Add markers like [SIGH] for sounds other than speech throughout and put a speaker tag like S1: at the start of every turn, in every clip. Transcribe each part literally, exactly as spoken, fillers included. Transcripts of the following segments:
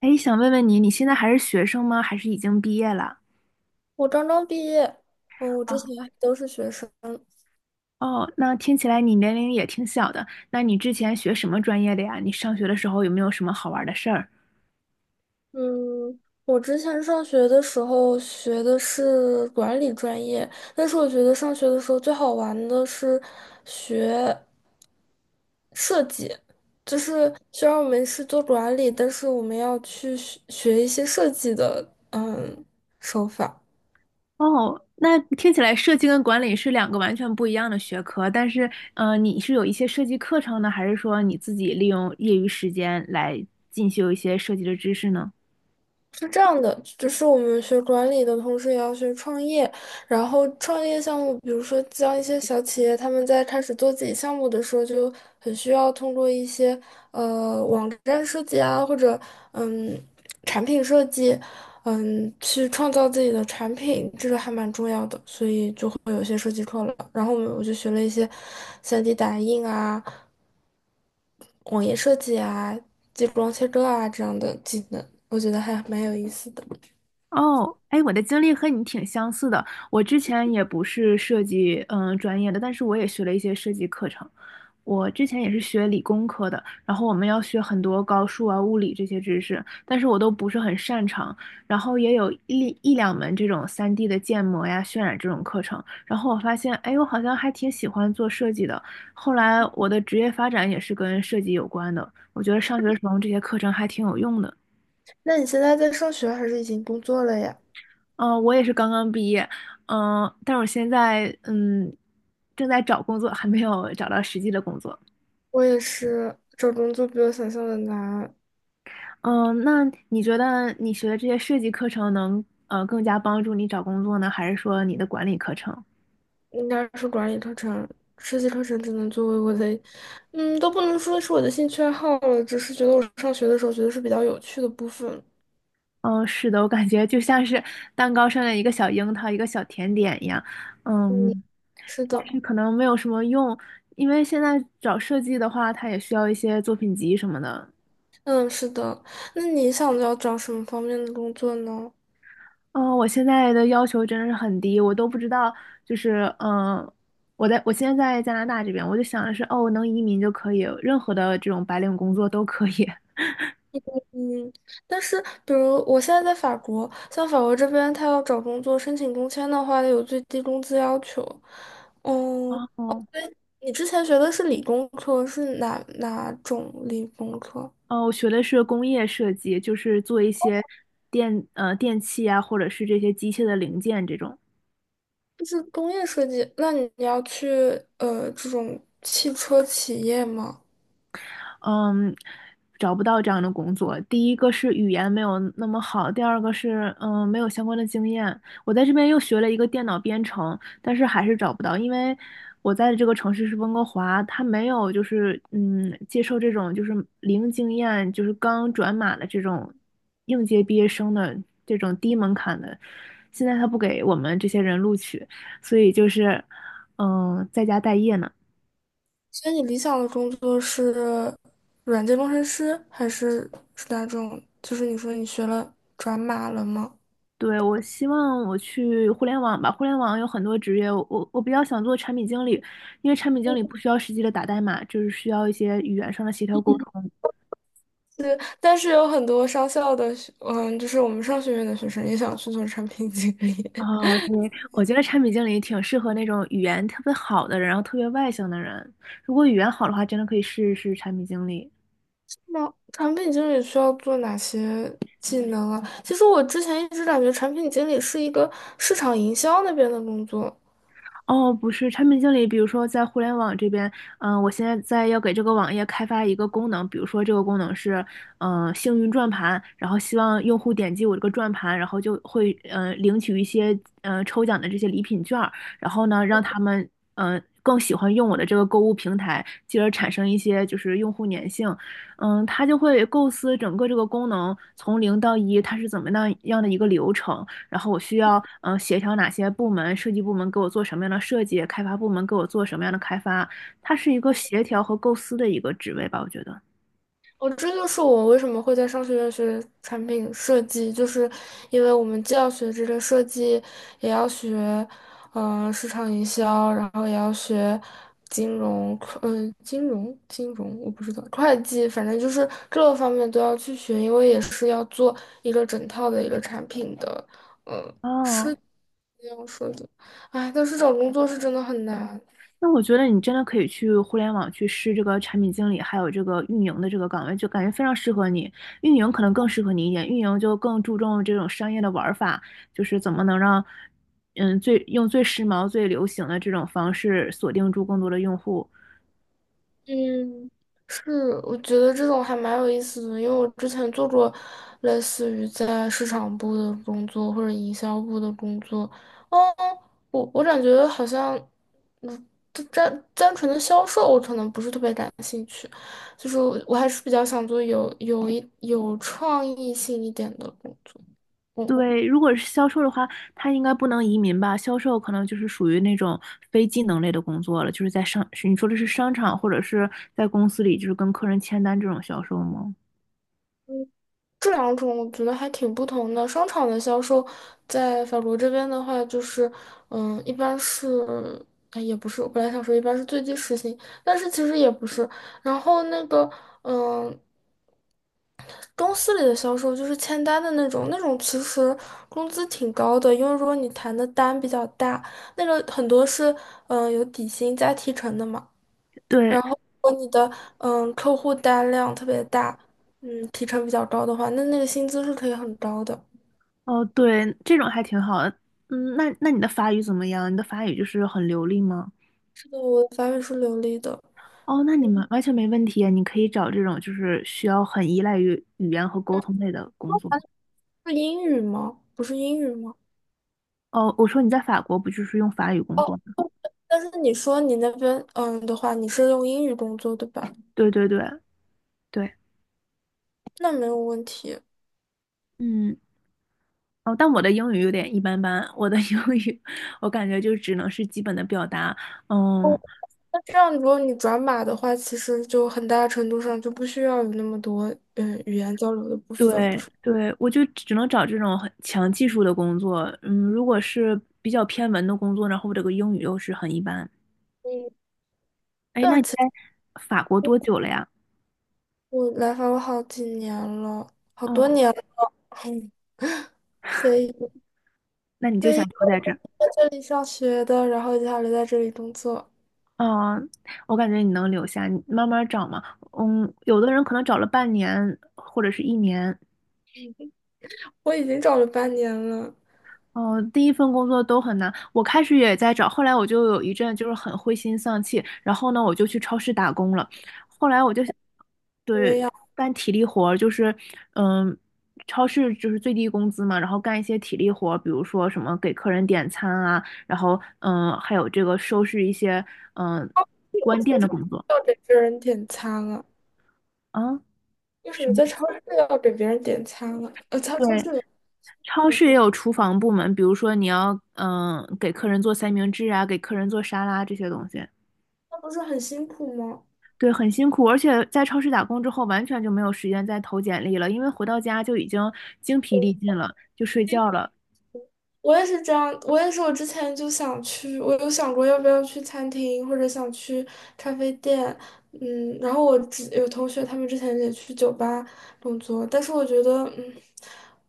S1: 哎，想问问你，你现在还是学生吗？还是已经毕业了？
S2: 我刚刚毕业，嗯，我
S1: 哦
S2: 之前还都是学生。
S1: 哦，那听起来你年龄也挺小的。那你之前学什么专业的呀？你上学的时候有没有什么好玩的事儿？
S2: 嗯，我之前上学的时候学的是管理专业，但是我觉得上学的时候最好玩的是学设计。就是虽然我们是做管理，但是我们要去学学一些设计的，嗯，手法。
S1: 哦，那听起来设计跟管理是两个完全不一样的学科，但是，呃，你是有一些设计课程呢，还是说你自己利用业余时间来进修一些设计的知识呢？
S2: 是这样的，就是我们学管理的同时也要学创业，然后创业项目，比如说像一些小企业，他们在开始做自己项目的时候，就很需要通过一些呃网站设计啊，或者嗯产品设计，嗯去创造自己的产品，这个还蛮重要的，所以就会有一些设计课了。然后我们我就学了一些 三 D 打印啊、网页设计啊、激光切割啊这样的技能，我觉得还蛮有意思的。
S1: 哦，哎，我的经历和你挺相似的。我之前也不是设计嗯专业的，但是我也学了一些设计课程。我之前也是学理工科的，然后我们要学很多高数啊、物理这些知识，但是我都不是很擅长。然后也有一一两门这种三 d 的建模呀、渲染这种课程。然后我发现，哎，我好像还挺喜欢做设计的。后来我的职业发展也是跟设计有关的。我觉得上学的时候这些课程还挺有用的。
S2: 那你现在在上学还是已经工作了呀？
S1: 嗯、呃我也是刚刚毕业，嗯、但是我现在嗯正在找工作，还没有找到实际的工作。
S2: 我也是，找工作比我想象的难。
S1: 嗯、那你觉得你学的这些设计课程能呃更加帮助你找工作呢，还是说你的管理课程？
S2: 应该是管理课程、设计课程只能作为我的，嗯，都不能说是我的兴趣爱好了，只是觉得我上学的时候觉得是比较有趣的部分。
S1: 嗯、是的，我感觉就像是蛋糕上的一个小樱桃，一个小甜点一样。
S2: 嗯，
S1: 嗯，
S2: 是
S1: 但
S2: 的，
S1: 是可能没有什么用，因为现在找设计的话，它也需要一些作品集什么的。
S2: 嗯，是的。那你想要找什么方面的工作呢？
S1: 嗯，呃我现在的要求真的是很低，我都不知道，就是嗯，我在我现在在加拿大这边，我就想的是，哦，能移民就可以，任何的这种白领工作都可以。
S2: 嗯，但是比如我现在在法国，像法国这边，他要找工作申请工签的话，有最低工资要求。
S1: [LAUGHS]
S2: 嗯。
S1: 哦，
S2: 你之前学的是理工科，是哪哪种理工科？
S1: 哦，我学的是工业设计，就是做一些电呃电器啊，或者是这些机械的零件这种。
S2: 就是工业设计。那你要去呃这种汽车企业吗？
S1: 嗯，找不到这样的工作。第一个是语言没有那么好，第二个是嗯没有相关的经验。我在这边又学了一个电脑编程，但是还是找不到，因为我在的这个城市是温哥华，他没有就是嗯接受这种就是零经验，就是刚转码的这种应届毕业生的这种低门槛的。现在他不给我们这些人录取，所以就是嗯在家待业呢。
S2: 所以你理想的工作是软件工程师，还是是哪种？就是你说你学了转码了吗？
S1: 对，我希望我去互联网吧，互联网有很多职业，我我我比较想做产品经理，因为产品经理不需要实际的打代码，就是需要一些语言上的协调沟通。
S2: 对，但是有很多商校的学，嗯，就是我们商学院的学生也想去做产品经理。
S1: 啊，对，我觉得产品经理挺适合那种语言特别好的人，然后特别外向的人。如果语言好的话，真的可以试一试产品经理。
S2: 那产品经理需要做哪些技能啊？其实我之前一直感觉产品经理是一个市场营销那边的工作。
S1: 哦，不是，产品经理，比如说在互联网这边，嗯、我现在在要给这个网页开发一个功能，比如说这个功能是，嗯、幸运转盘，然后希望用户点击我这个转盘，然后就会，嗯、领取一些，嗯、抽奖的这些礼品券儿，然后呢，让他们，嗯、更喜欢用我的这个购物平台，进而产生一些就是用户粘性，嗯，他就会构思整个这个功能从零到一，它是怎么样样的一个流程。然后我需要嗯、呃协调哪些部门，设计部门给我做什么样的设计，开发部门给我做什么样的开发，它是一个协调和构思的一个职位吧，我觉得。
S2: 哦，这就是我为什么会在商学院学产品设计，就是因为我们既要学这个设计，也要学，呃，市场营销，然后也要学金融，嗯、金融，金融，我不知道，会计，反正就是各个方面都要去学，因为也是要做一个整套的一个产品的。呃
S1: 哦，
S2: 这样说的，哎，但是找工作是真的很难。
S1: 那我觉得你真的可以去互联网去试这个产品经理，还有这个运营的这个岗位，就感觉非常适合你。运营可能更适合你一点，运营就更注重这种商业的玩法，就是怎么能让嗯最用最时髦、最流行的这种方式锁定住更多的用户。
S2: 嗯是，我觉得这种还蛮有意思的，因为我之前做过类似于在市场部的工作或者营销部的工作，哦，我我感觉好像，嗯，就单单纯的销售我可能不是特别感兴趣，就是我我还是比较想做有有一有创意性一点的工作。嗯。
S1: 对，如果是销售的话，他应该不能移民吧？销售可能就是属于那种非技能类的工作了，就是在商，是你说的是商场或者是在公司里，就是跟客人签单这种销售吗？
S2: 这两种我觉得还挺不同的。商场的销售在法国这边的话，就是，嗯，一般是，哎，也不是，我本来想说一般是最低时薪，但是其实也不是。然后那个，嗯，公司里的销售就是签单的那种，那种其实工资挺高的，因为如果你谈的单比较大，那个很多是，嗯，有底薪加提成的嘛。然
S1: 对，
S2: 后如果你的，嗯，客户单量特别大，嗯，提成比较高的话，那那个薪资是可以很高的。
S1: 哦，对，这种还挺好的。嗯，那那你的法语怎么样？你的法语就是很流利吗？
S2: 我的法语是流利的，
S1: 哦，那你们完全没问题啊，你可以找这种就是需要很依赖于语言和沟通类的工作。
S2: 是英语吗？不是英语吗？
S1: 哦，我说你在法国不就是用法语工作吗？
S2: 但是你说你那边嗯的话，你是用英语工作对吧？
S1: 对对对对，
S2: 那没有问题。
S1: 嗯。哦，但我的英语有点一般般，我的英语 [LAUGHS] 我感觉就只能是基本的表达，
S2: 哦，
S1: 嗯，
S2: 那这样如果你转码的话，其实就很大程度上就不需要有那么多嗯语言交流的部分，不
S1: 对
S2: 是？
S1: 对，我就只能找这种很强技术的工作，嗯，如果是比较偏文的工作，然后我这个英语又是很一般。
S2: 嗯，
S1: 哎，那
S2: 但
S1: 你
S2: 其
S1: 在
S2: 实
S1: 法国多久了呀？
S2: 我来法国好几年了，好多
S1: 哦，
S2: 年了，嗯，所以
S1: 那你就
S2: 所
S1: 想
S2: 以
S1: 留
S2: 我
S1: 在这儿？
S2: 在这里上学的，然后接下来在这里工作，
S1: 哦，我感觉你能留下，你慢慢找嘛。嗯，有的人可能找了半年或者是一年，
S2: 我已经找了半年了。
S1: 嗯，第一份工作都很难，我开始也在找，后来我就有一阵就是很灰心丧气，然后呢，我就去超市打工了，后来我就
S2: 因为
S1: 对
S2: 要。
S1: 干体力活儿就是嗯，超市就是最低工资嘛，然后干一些体力活儿比如说什么给客人点餐啊，然后嗯，还有这个收拾一些嗯
S2: 为
S1: 关
S2: 什么
S1: 店的
S2: 在
S1: 工作
S2: 要给别人点餐啊？
S1: 啊。
S2: 为什
S1: 什
S2: 么
S1: 么？
S2: 在超市要给别人点餐啊？呃，在
S1: 对，
S2: 超市里，
S1: 超市也有厨房部门，比如说你要嗯给客人做三明治啊，给客人做沙拉这些东西。
S2: 那不是很辛苦吗？
S1: 对，很辛苦，而且在超市打工之后，完全就没有时间再投简历了，因为回到家就已经精疲力
S2: 嗯
S1: 尽了，就睡觉了。
S2: 我也是这样，我也是，我之前就想去，我有想过要不要去餐厅，或者想去咖啡店，嗯，然后我之有同学他们之前也去酒吧工作，但是我觉得，嗯，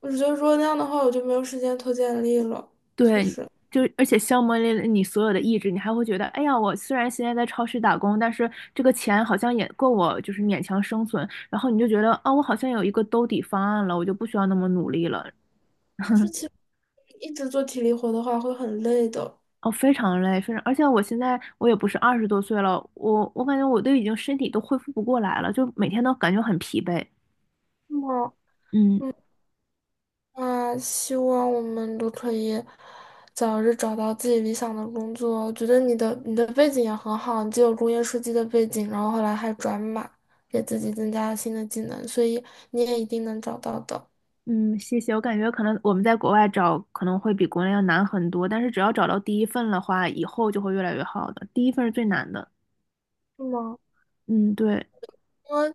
S2: 我觉得如果那样的话，我就没有时间投简历了，确
S1: 对，
S2: 实。
S1: 就而且消磨了你所有的意志，你还会觉得，哎呀，我虽然现在在超市打工，但是这个钱好像也够我就是勉强生存，然后你就觉得，啊，我好像有一个兜底方案了，我就不需要那么努力了。
S2: 但是其实一直做体力活的话会很累的。
S1: 哦，非常累，非常，而且我现在我也不是二十多岁了，我我感觉我都已经身体都恢复不过来了，就每天都感觉很疲惫。
S2: 是吗？
S1: 嗯。
S2: 啊，希望我们都可以早日找到自己理想的工作。我觉得你的你的背景也很好，你既有工业设计的背景，然后后来还转码，给自己增加了新的技能，所以你也一定能找到的，
S1: 嗯，谢谢。我感觉可能我们在国外找可能会比国内要难很多，但是只要找到第一份的话，以后就会越来越好的。第一份是最难的。
S2: 是吗？
S1: 嗯，对，
S2: 因为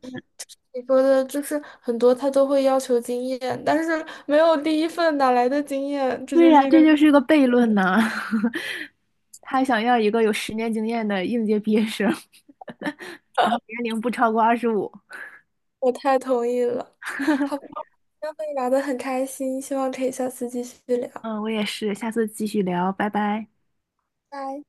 S2: 你说的就是很多他都会要求经验，但是没有第一份哪来的经验？这
S1: 对
S2: 就
S1: 呀，
S2: 是一
S1: 这
S2: 个
S1: 就是个悖论呐、[LAUGHS] 他想要一个有十年经验的应届毕业生，[LAUGHS] 然后年龄不超过二十五。
S2: 我太同意了。好吧，今天和你聊得很开心，希望可以下次继续聊，
S1: 嗯，我也是。下次继续聊，拜拜。
S2: 拜。